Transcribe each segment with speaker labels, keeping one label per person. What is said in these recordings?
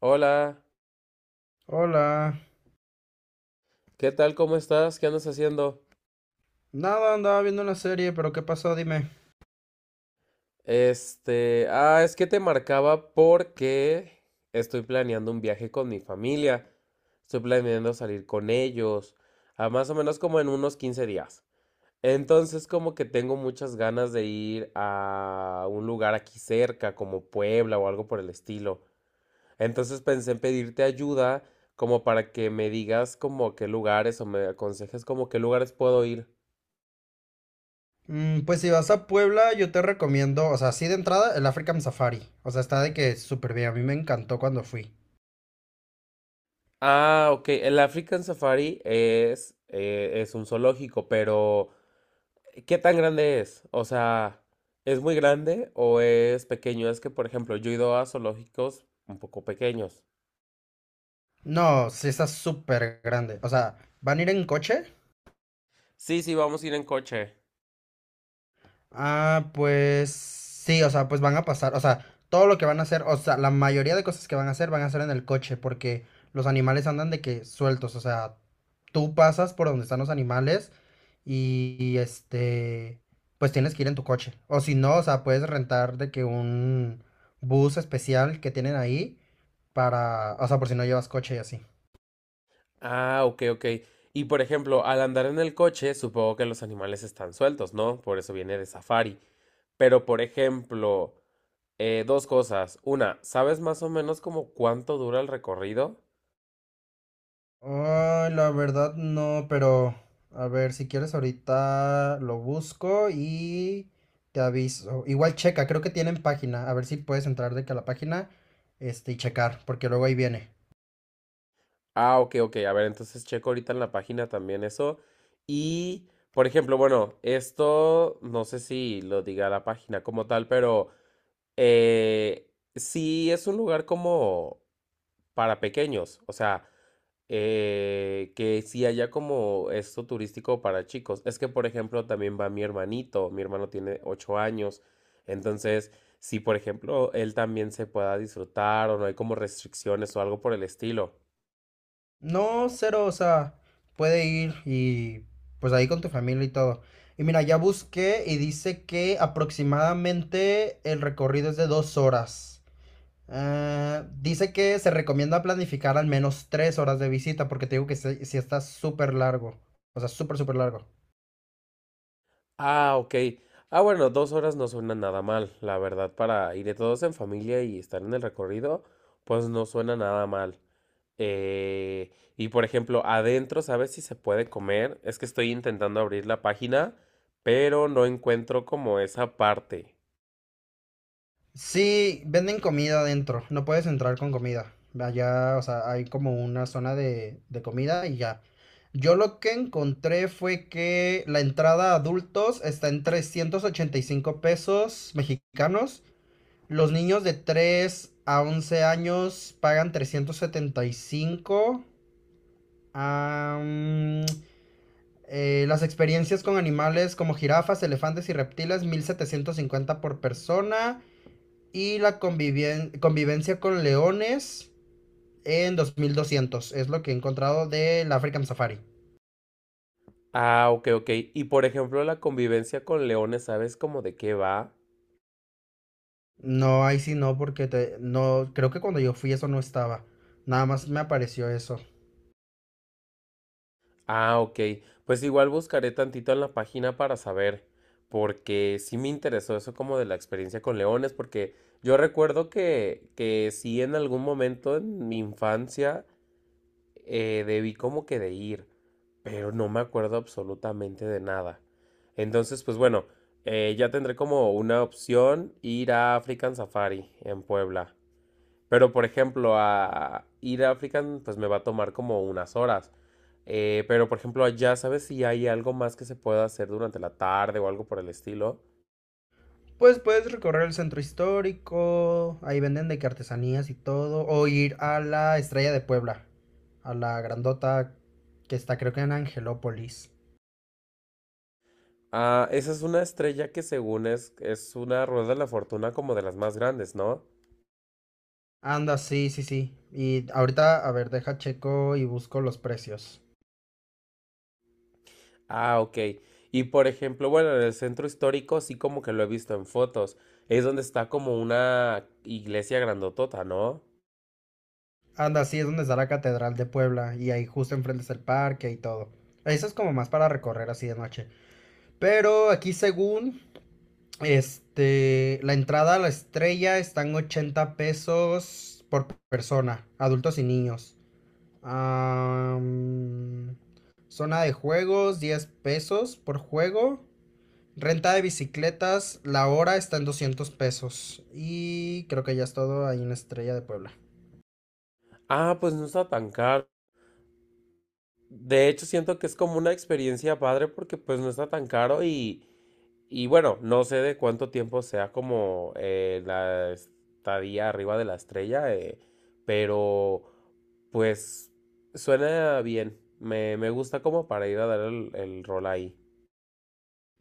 Speaker 1: Hola,
Speaker 2: Hola.
Speaker 1: ¿qué tal? ¿Cómo estás? ¿Qué andas haciendo?
Speaker 2: Nada, andaba viendo una serie, pero ¿qué pasó? Dime.
Speaker 1: Este, es que te marcaba porque estoy planeando un viaje con mi familia. Estoy planeando salir con ellos, a más o menos como en unos 15 días. Entonces, como que tengo muchas ganas de ir a un lugar aquí cerca, como Puebla o algo por el estilo. Entonces pensé en pedirte ayuda como para que me digas como a qué lugares o me aconsejes como a qué lugares puedo ir.
Speaker 2: Pues si vas a Puebla, yo te recomiendo, o sea, sí de entrada, el African Safari. O sea, está de que súper bien. A mí me encantó cuando fui.
Speaker 1: Ah, ok. El African Safari es un zoológico, pero ¿qué tan grande es? O sea, ¿es muy grande o es pequeño? Es que, por ejemplo, yo he ido a zoológicos un poco pequeños.
Speaker 2: No, sí está súper grande. O sea, ¿van a ir en coche?
Speaker 1: Sí, sí, vamos a ir en coche.
Speaker 2: Ah, pues sí, o sea, pues van a pasar, o sea, todo lo que van a hacer, o sea, la mayoría de cosas que van a hacer en el coche, porque los animales andan de que sueltos, o sea, tú pasas por donde están los animales y, este, pues tienes que ir en tu coche, o si no, o sea, puedes rentar de que un bus especial que tienen ahí para, o sea, por si no llevas coche y así.
Speaker 1: Ah, ok, ok. Y, por ejemplo, al andar en el coche, supongo que los animales están sueltos, ¿no? Por eso viene de safari. Pero, por ejemplo, dos cosas. Una, ¿sabes más o menos como cuánto dura el recorrido?
Speaker 2: Ay, la verdad no, pero a ver, si quieres ahorita lo busco y te aviso. Igual checa, creo que tienen página. A ver si puedes entrar de que a la página, este, y checar, porque luego ahí viene.
Speaker 1: Ah, ok, ok. A ver, entonces checo ahorita en la página también eso. Y, por ejemplo, bueno, esto no sé si lo diga la página como tal, pero eh, sí es un lugar como para pequeños. O sea, que sí haya como esto turístico para chicos. Es que, por ejemplo, también va mi hermanito. Mi hermano tiene 8 años. Entonces, si, por ejemplo, él también se pueda disfrutar o no hay como restricciones o algo por el estilo.
Speaker 2: No, cero, o sea, puede ir y pues ahí con tu familia y todo. Y mira, ya busqué y dice que aproximadamente el recorrido es de dos horas. Ah, dice que se recomienda planificar al menos tres horas de visita, porque te digo que si está súper largo. O sea, súper, súper largo.
Speaker 1: Ah, ok. Ah, bueno, 2 horas no suena nada mal, la verdad, para ir de todos en familia y estar en el recorrido, pues no suena nada mal. Y por ejemplo, adentro, ¿sabes si se puede comer? Es que estoy intentando abrir la página, pero no encuentro como esa parte.
Speaker 2: Sí, venden comida adentro. No puedes entrar con comida. Allá, o sea, hay como una zona de comida y ya. Yo lo que encontré fue que la entrada a adultos está en 385 pesos mexicanos. Los niños de 3 a 11 años pagan 375. Am, las experiencias con animales como jirafas, elefantes y reptiles, 1750 por persona. Y la convivencia con leones en dos mil doscientos. Es lo que he encontrado del African Safari.
Speaker 1: Ah, ok, ok. Y por ejemplo, la convivencia con leones, ¿sabes cómo de qué va?
Speaker 2: No, ahí sí no, porque no, creo que cuando yo fui eso no estaba. Nada más me apareció eso.
Speaker 1: Ah, ok. Pues igual buscaré tantito en la página para saber, porque sí me interesó eso como de la experiencia con leones, porque yo recuerdo que sí en algún momento en mi infancia debí como que de ir, pero no me acuerdo absolutamente de nada. Entonces, pues bueno, ya tendré como una opción ir a African Safari en Puebla. Pero, por ejemplo, a ir a African, pues me va a tomar como unas horas. Pero, por ejemplo, allá, ¿sabes si hay algo más que se pueda hacer durante la tarde o algo por el estilo?
Speaker 2: Pues puedes recorrer el centro histórico. Ahí venden de que artesanías y todo. O ir a la Estrella de Puebla. A la grandota que está creo que en Angelópolis.
Speaker 1: Ah, esa es una estrella que según es una rueda de la fortuna como de las más grandes, ¿no?
Speaker 2: Anda, sí, sí, sí. Y ahorita, a ver, deja checo y busco los precios.
Speaker 1: Ah, ok. Y por ejemplo, bueno, en el centro histórico sí como que lo he visto en fotos. Es donde está como una iglesia grandotota, ¿no?
Speaker 2: Anda, sí, es donde está la Catedral de Puebla y ahí justo enfrente es el parque y todo. Eso es como más para recorrer así de noche. Pero aquí según, este, la entrada a la estrella están 80 pesos por persona, adultos y niños. Am, Zona de juegos, 10 pesos por juego. Renta de bicicletas, la hora está en 200 pesos. Y creo que ya es todo ahí en Estrella de Puebla.
Speaker 1: Ah, pues no está tan caro. De hecho, siento que es como una experiencia padre porque pues no está tan caro y bueno, no sé de cuánto tiempo sea como la estadía arriba de la estrella, pero pues suena bien. Me gusta como para ir a dar el rol ahí.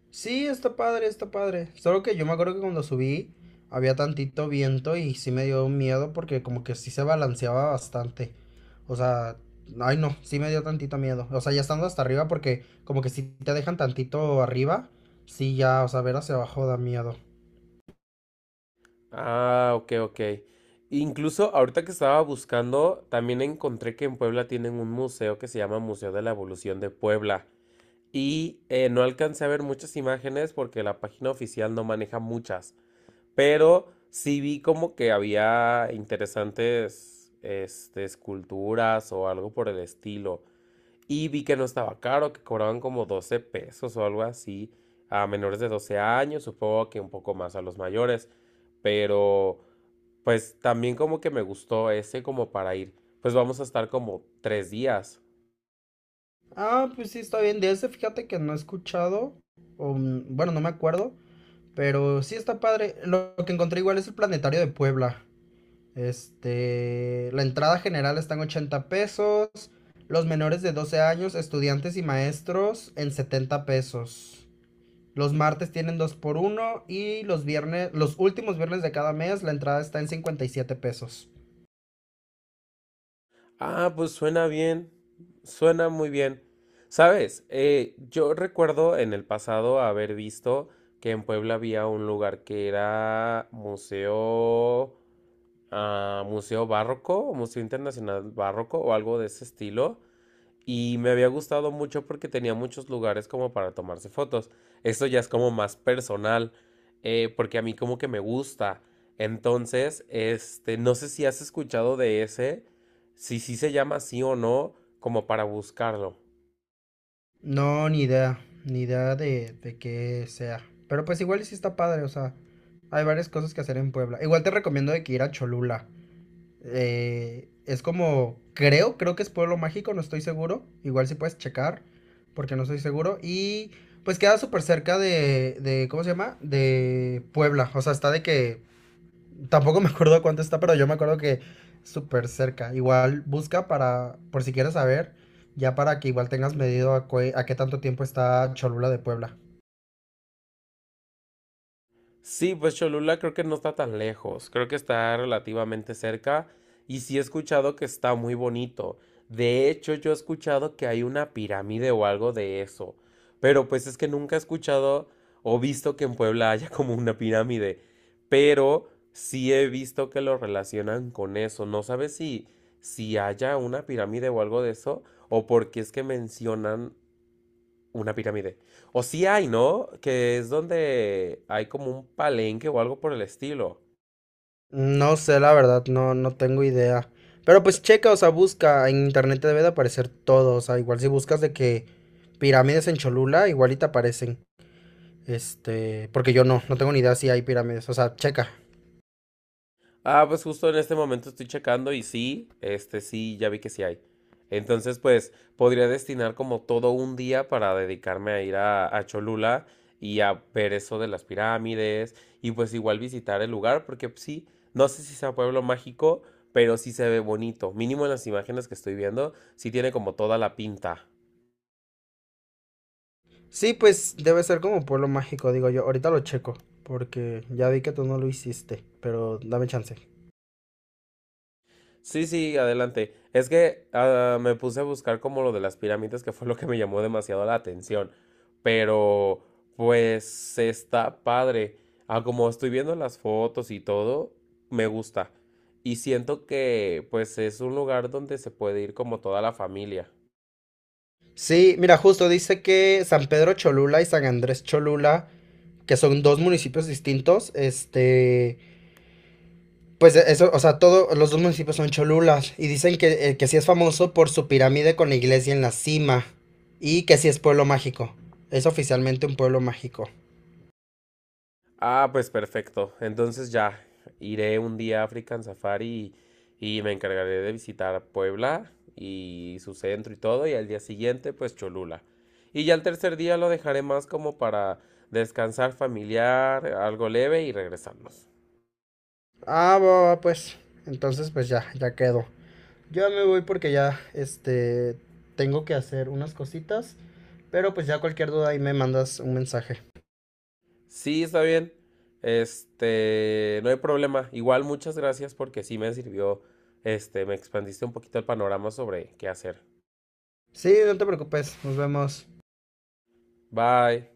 Speaker 2: Sí, está padre, está padre. Solo que yo me acuerdo que cuando subí había tantito viento y sí me dio miedo porque como que sí se balanceaba bastante. O sea, ay no, sí me dio tantito miedo. O sea, ya estando hasta arriba porque como que si te dejan tantito arriba, sí ya, o sea, ver hacia abajo da miedo.
Speaker 1: Ah, ok, ok. Incluso ahorita que estaba buscando, también encontré que en Puebla tienen un museo que se llama Museo de la Evolución de Puebla. Y no alcancé a ver muchas imágenes porque la página oficial no maneja muchas, pero sí vi como que había interesantes este, esculturas o algo por el estilo. Y vi que no estaba caro, que cobraban como 12 pesos o algo así a menores de 12 años, supongo que un poco más a los mayores, pero pues también como que me gustó ese como para ir. Pues vamos a estar como 3 días.
Speaker 2: Ah, pues sí, está bien. De ese, fíjate que no he escuchado, o bueno, no me acuerdo, pero sí está padre. Lo que encontré igual es el Planetario de Puebla. Este, la entrada general está en 80 pesos, los menores de 12 años, estudiantes y maestros en 70 pesos. Los martes tienen 2 por uno y los viernes, los últimos viernes de cada mes, la entrada está en 57 pesos.
Speaker 1: Ah, pues suena bien, suena muy bien. Sabes, yo recuerdo en el pasado haber visto que en Puebla había un lugar que era museo barroco, o museo internacional barroco o algo de ese estilo. Y me había gustado mucho porque tenía muchos lugares como para tomarse fotos. Esto ya es como más personal, porque a mí como que me gusta. Entonces, este, no sé si has escuchado de ese, si sí se llama así o no, como para buscarlo.
Speaker 2: No, ni idea, ni idea de qué sea. Pero pues igual sí está padre, o sea, hay varias cosas que hacer en Puebla. Igual te recomiendo de que ir a Cholula. Es como, creo que es Pueblo Mágico, no estoy seguro. Igual si puedes checar, porque no estoy seguro. Y pues queda súper cerca de, ¿cómo se llama? De Puebla. O sea, está de que tampoco me acuerdo cuánto está, pero yo me acuerdo que súper cerca. Igual busca para, por si quieres saber, ya para que igual tengas medido a qué tanto tiempo está Cholula de Puebla.
Speaker 1: Sí, pues Cholula creo que no está tan lejos, creo que está relativamente cerca y sí he escuchado que está muy bonito. De hecho, yo he escuchado que hay una pirámide o algo de eso, pero pues es que nunca he escuchado o visto que en Puebla haya como una pirámide, pero sí he visto que lo relacionan con eso. No sabes si haya una pirámide o algo de eso o porque es que mencionan una pirámide. O sí hay, ¿no? Que es donde hay como un palenque o algo por el estilo.
Speaker 2: No sé, la verdad, no, no tengo idea. Pero pues checa, o sea, busca, en internet te debe de aparecer todo, o sea, igual si buscas de que pirámides en Cholula, igual y te aparecen. Este, porque yo no tengo ni idea si hay pirámides, o sea, checa.
Speaker 1: Ah, pues justo en este momento estoy checando y sí, este sí, ya vi que sí hay. Entonces, pues podría destinar como todo un día para dedicarme a ir a Cholula y a ver eso de las pirámides y pues igual visitar el lugar porque pues, sí, no sé si sea pueblo mágico, pero sí se ve bonito. Mínimo en las imágenes que estoy viendo, sí tiene como toda la pinta.
Speaker 2: Sí, pues debe ser como un pueblo mágico, digo yo. Ahorita lo checo, porque ya vi que tú no lo hiciste, pero dame chance.
Speaker 1: Sí, sí, adelante. Es que me puse a buscar como lo de las pirámides, que fue lo que me llamó demasiado la atención. Pero, pues, está padre. Ah, como estoy viendo las fotos y todo, me gusta. Y siento que, pues, es un lugar donde se puede ir como toda la familia.
Speaker 2: Sí, mira, justo dice que San Pedro Cholula y San Andrés Cholula, que son dos municipios distintos, este, pues eso, o sea, todos los dos municipios son Cholulas y dicen que sí es famoso por su pirámide con la iglesia en la cima y que sí es pueblo mágico. Es oficialmente un pueblo mágico.
Speaker 1: Ah, pues perfecto. Entonces ya iré un día a African Safari y me encargaré de visitar Puebla y su centro y todo, y al día siguiente pues Cholula. Y ya el tercer día lo dejaré más como para descansar familiar, algo leve y regresarnos.
Speaker 2: Ah, va, va, pues, entonces pues ya, ya quedó. Yo ya me voy porque ya, este, tengo que hacer unas cositas, pero pues ya cualquier duda ahí me mandas un mensaje.
Speaker 1: Sí, está bien. Este, no hay problema. Igual muchas gracias porque sí me sirvió, este, me expandiste un poquito el panorama sobre qué hacer.
Speaker 2: Sí, no te preocupes, nos vemos.
Speaker 1: Bye.